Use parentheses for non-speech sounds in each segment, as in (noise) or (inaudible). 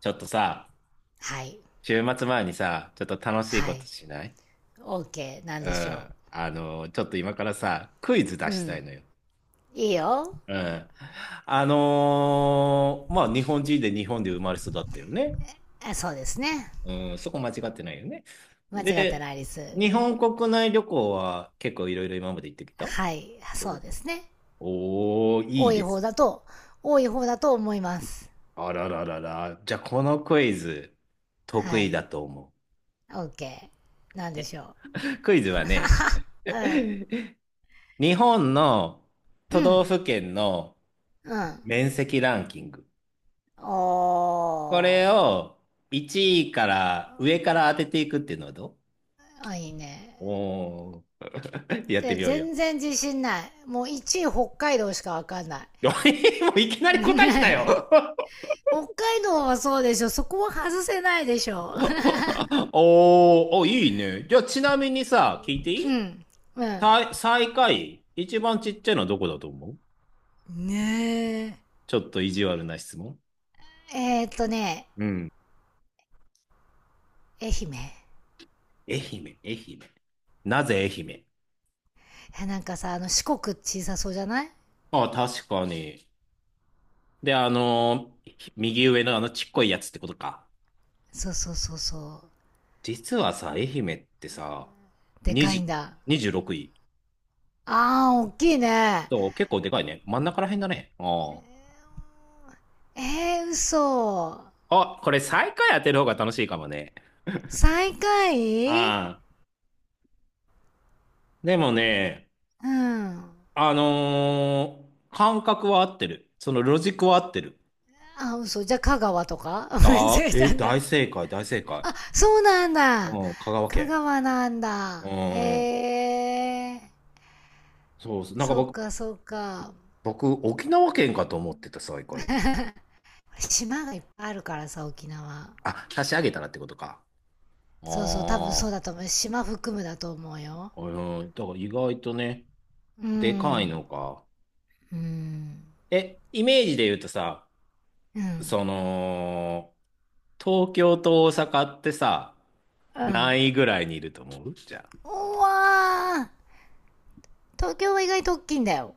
ちょっとさ、はい。週末前にさ、ちょっと楽しいはことい。しない？ OK、 なんうでしょん。ちょっと今からさ、クイズ出う。うしたいん。のよ。いいよ。うん。日本人で日本で生まれ育ったよね。あ、そうですね。うん、そこ間違ってないよね。間違ってで、ないです。日本国内旅行は結構いろいろ今まで行ってきた？はい。そおうでー、すね。おーい多いいで方す。だと、多い方だと思います。あらららら。じゃあ、このクイズ、得は意い。だと思う。OK、 なんでしょ (laughs) クイズはね、う。うん。(laughs) 日本のう都道ん。府県のうん。面積ランキング。おこれー。を1位から上から当てていくっていうのはどう？あ、いいね。おー、(laughs) やってで、みようよ。全然自信ない。もう1位北海道しかわかんない。(laughs) いもういきなり答えきた (laughs) よ。(laughs) 北海道はそうでしょ。そこは外せないでしょ。おー、お、いいね。じゃあちなみにさ、聞いていうい？ん。うん。最、最下位一番ちっちゃいのはどこだと思う？ねちょっと意地悪な質問。えーっとね、うん。愛媛。愛媛、愛媛。なぜ愛媛？なんかさ、あの四国小さそうじゃない？あ、確かに。で、右上のあのちっこいやつってことか。そうそうそうそう。実はさ、愛媛ってさ、でかい20、んだ。26位。あー、おっきいね。そう、結構でかいね。真ん中らへんだね。あえー、嘘。あ。あ、これ最下位当てる方が楽しいかもね。最下位？ああ。でもね、うん。感覚は合ってる。そのロジックは合ってる。あ、嘘。じゃあ香川とか (laughs) 間ああ、違え (laughs) え、たん大だ。正解、大正解。あ、そうなんうだ。ん、香川香県。川なんうだ。ん。へえー。そうそう。なんかそっ僕、かそっか。僕、沖縄県かと思ってた、最下位。島がいっぱいあるからさ、沖縄。あ、差し上げたらってことか。そうそう、多分あそうあ。だと思う。島含むだと思うよ。うん、だから意外とね、うでかいん。のか。うん。え、イメージで言うとさ、うん。その、東京と大阪ってさ、うん。何位ぐらいにいると思う？じゃあ。うわー、東京は意外と大きいんだよ。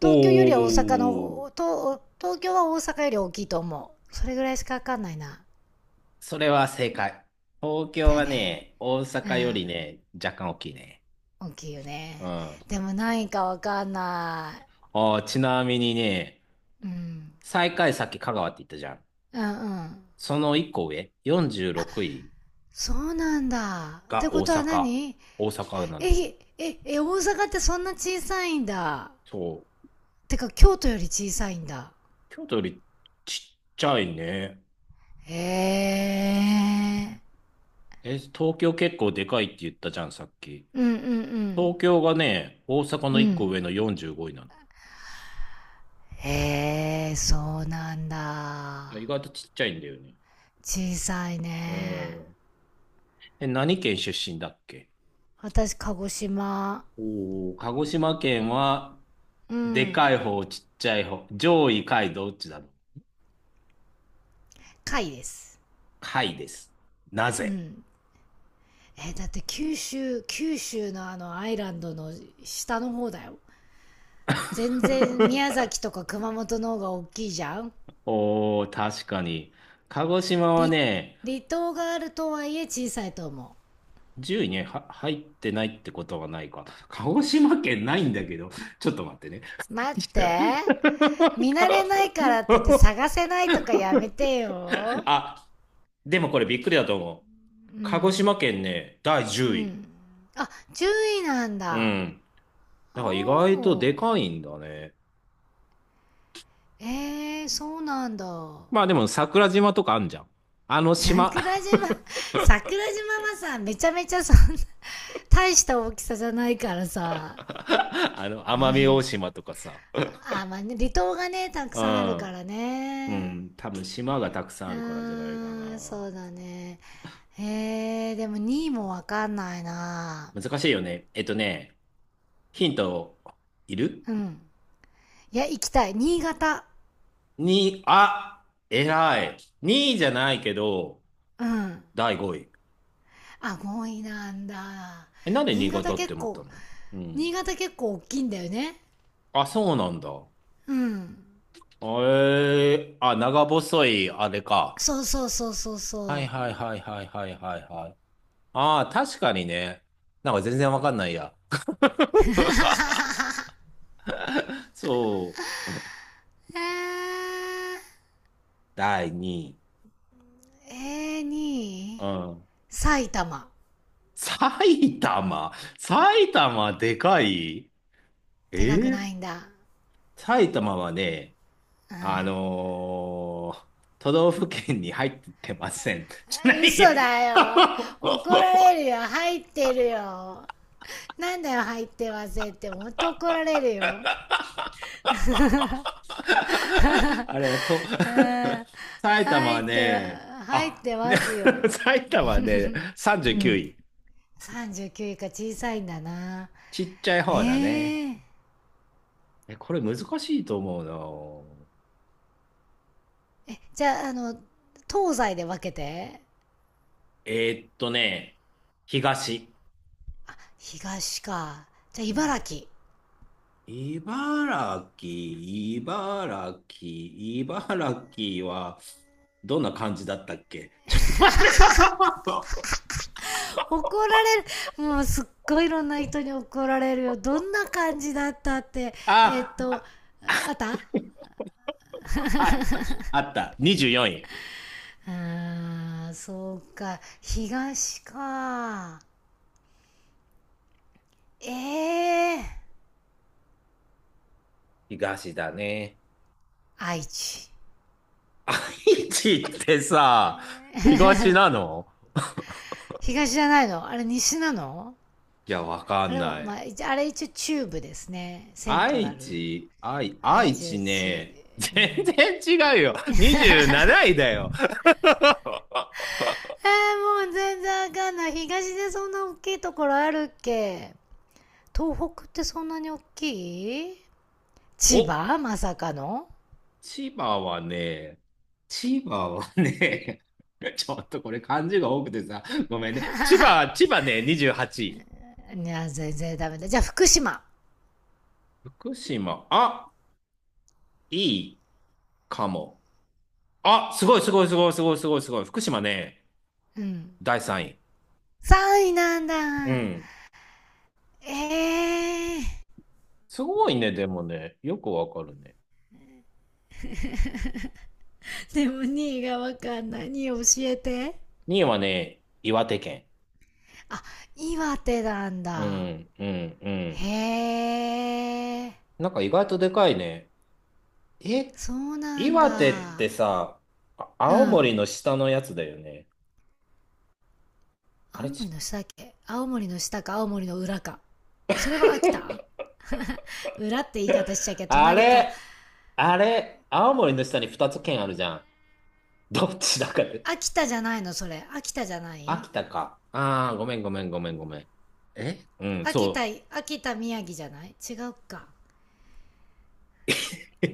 東京よりはお大阪ー。の、東京は大阪より大きいと思う。それぐらいしかわかんないな。それは正解。東京だよはね。ね、大う阪よん。りね、若干大きいね。大きいようん。ね。あでも何位かわかんなあ、ちなみにね、い。うん。最下位さっき香川って言ったじゃん。うんうん。その一個上、46位そうなんだ。っがて大ことは阪。何？大阪なの。え、え、え、大阪ってそんな小さいんだ。そう。てか京都より小さいんだ。京都よりちっちゃいね。へえ。え、東京結構でかいって言ったじゃん、さっき。うんう東ん京がね、大阪うのん。う1個上ん。の45位なへえ、そうなんの。だ。意外とちっちゃいんだよね。小さいうね。ん。え、何県出身だっけ？私、鹿児島。おー、鹿児島県は、うでかいん。方、ちっちゃい方、上位、下位、どっちだろう。貝です。下位です。なうぜ？ ん。えー、だって九州、九州のあのアイランドの下の方だよ。全然宮 (laughs) 崎とか熊本の方が大きいじゃん。おー、確かに。鹿児島はね、離島があるとはいえ小さいと思10位には入ってないってことはないか。鹿児島県ないんだけど、ちょっと待ってね。う。待って。見慣れないからって言って探 (laughs) せないとかやめてよ。あ、でもこれびっくりだと思う。う鹿児ん。島県ね、第10う位。ん。あ、注意なんうだ。ん。だから意外とおー。でかいんだね。えー、そうなんだ。まあでも桜島とかあんじゃん。あの島 桜 (laughs) 島、桜島はさ、めちゃめちゃそんな、大した大きさじゃないからさ。あの奄美大島とかさ。あ、まあね、離島がね、たくうさんあるかん。らうね。ん。多分島がたくさんうあるからじゃないかーん、そうな。だね。えー、でも2位もわかんないな。難しいよね。えっとね、ヒントいる？うん。いや、行きたい。新潟。に、あ、偉い。2位じゃないけど、うん。第5位。あ、ごいなんだ。え、なんで新新潟潟って結思った構、の？う新ん。潟結構大きいんだよね。あ、そうなんだ。うん。えー、あ、長細い、あれか。そうそうそうそうはいそう。はいはいはいはいはいはい。ああ、確かにね。なんか全然わかんないや。(laughs) そう。えー、第2位。えにう2ん。埼玉。埼玉。埼玉でかい？えでかくなー、いんだ。埼玉はね、あのー都道府県に入ってません。(laughs) じゃないや。嘘だよ。(laughs) 怒られるよ。入ってるよ。なんだよ、入ってませんって。もっと怒られるよ。あれはと、うん。(laughs) 埼玉入はっては、ね、入っあ、てね ますよ。(laughs) 埼玉はね、う39ん。位。39位か、小さいんだな。ちっちゃい方だね。ええ。え、これ難しいと思うな。じゃあ、東西で分けて。ね、東。東か。じゃあ、うん、茨城。茨城、茨城、茨城は、どんな感じだったっけ？ (laughs) ちょっと待って。 (laughs) 怒られる。もうすっごいいろんな人に怒られるよ。どんな感じだったって。えーっあ、と、あった。あ、あった。24位。あー、そうか。東か。ええ、東だね。愛知。愛知ってさ、東なの？東じゃないの？あれ西なの？いや、わかあんれは、なまい。あ、一あれ一応中部ですね。セントラ愛ル。知、愛、愛愛知、知愛知、ね、う全ん。然違うよ。27位だよ。(laughs) えー、もう全然わかんない。東でそんな大きいところあるっけ？東北ってそんなに大きい？千お、葉まさかの。千葉はね、千葉はね、(laughs) ちょっとこれ漢字が多くてさ、ごめんね。千葉ね、28位。いや、全然ダメだ。じゃあ、福島。福島、あ、いいかも。あ、すごいすごいすごいすごいすごいすごい。福島ね、うん。第3位。3位なんだ。うん。ええー。すごいね、でもね、よくわかるね。でも2位がわかんない。2位教えて。にいはね、岩手県。あ、岩手なんうだ。ん、うん、うん。へえ。なんか意外とでかいね。え、そうなん岩手っだ。てさ、あ、う青ん。森の下のやつだよね。あ青れ、ち、森の下だっけ？青森の下か青森の裏か。それは秋田。裏って言い方しちゃいけ、あ隣か。れ、あれ、青森の下に2つ県あるじゃん。どっちだかで。秋田じゃないの？それ秋田じゃない？秋田か。ああ、ごめんごめんごめんごめん。え、うん、秋田、そ秋田宮城じゃない？違うか。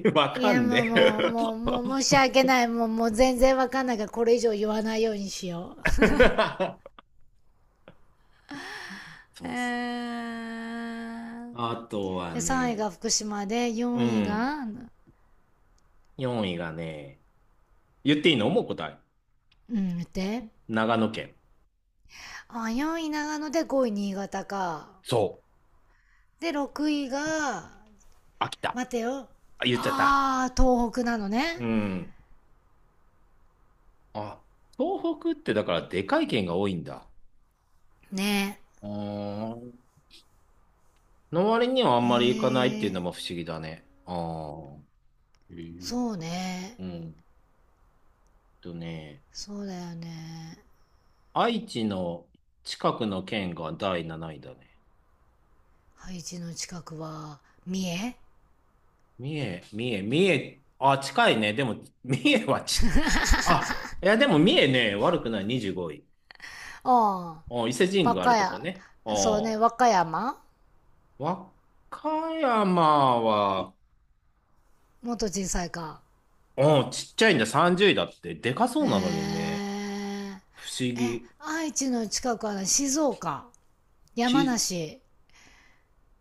う。(laughs) わいかやんもうねえ。もうもうもう申し訳ない、もう全然わかんないからこれ以上言わないようにしよう。 (laughs) えそうっす。ー、あとはで3位ね、が福島でう4位ん、が、4位がね、言っていいの？もう答え。うん、見て。長野県。あ、4位長野で5位新潟か。そう。で6位が、秋田。待てよ。あ、言っちゃった。あー、東北なのうね。ん。あ、東北ってだからでかい県が多いんだ。ね。うーん、の割にはあんえまり行かないっていうのえー。も不思議だね。ああ。へえ。そうね。うんとね、そうだよね。愛知の近くの県が第7位だね。ハイジの近くは、三重。三重、三重、三重、あ、近いね。でも、三重はち、あ、いや、でも三重ね、悪くない25位。ああ、あ、伊勢神和宮があ歌るとこ山。ね。そうね、あ、和歌山和歌山は、もっと小さいか。あ、ちっちゃいんだ、30位だって。でかそうえなのにね。ー、不思え、議。愛知の近くはね静岡、ち、山梨、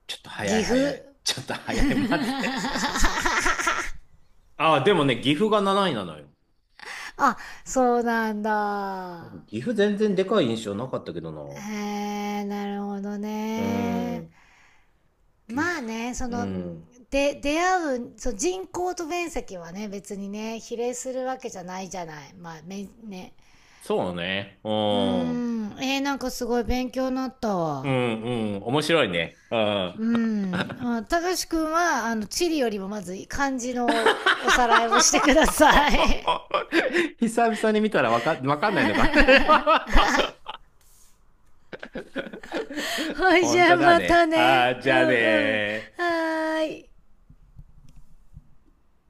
ちょっと早い岐早阜。い。ちょっと早い。待って。ああ、でもね、岐阜が7位なのよ。あ、そうなんだ。岐阜全然でかい印象なかったけどな。えー、なるほどうーね。ん。岐まあ阜。ね、そうの、ん。で、出会う、そう、人口と面積はね、別にね、比例するわけじゃないじゃない。まあ、め、ね。そうね。ううーん。ん、えー、なんかすごい勉強になったうわ。んうん。面白いね。うん。うん。あ、たかしくんは、あの、地理よりもまず漢字のおさらいをしてください。(laughs) (laughs) 久々に見たらわか、わかんないのか。(laughs) はい、じ本ゃあ当だまたね。ね。ああ、うじゃあんうん。はね。ーい。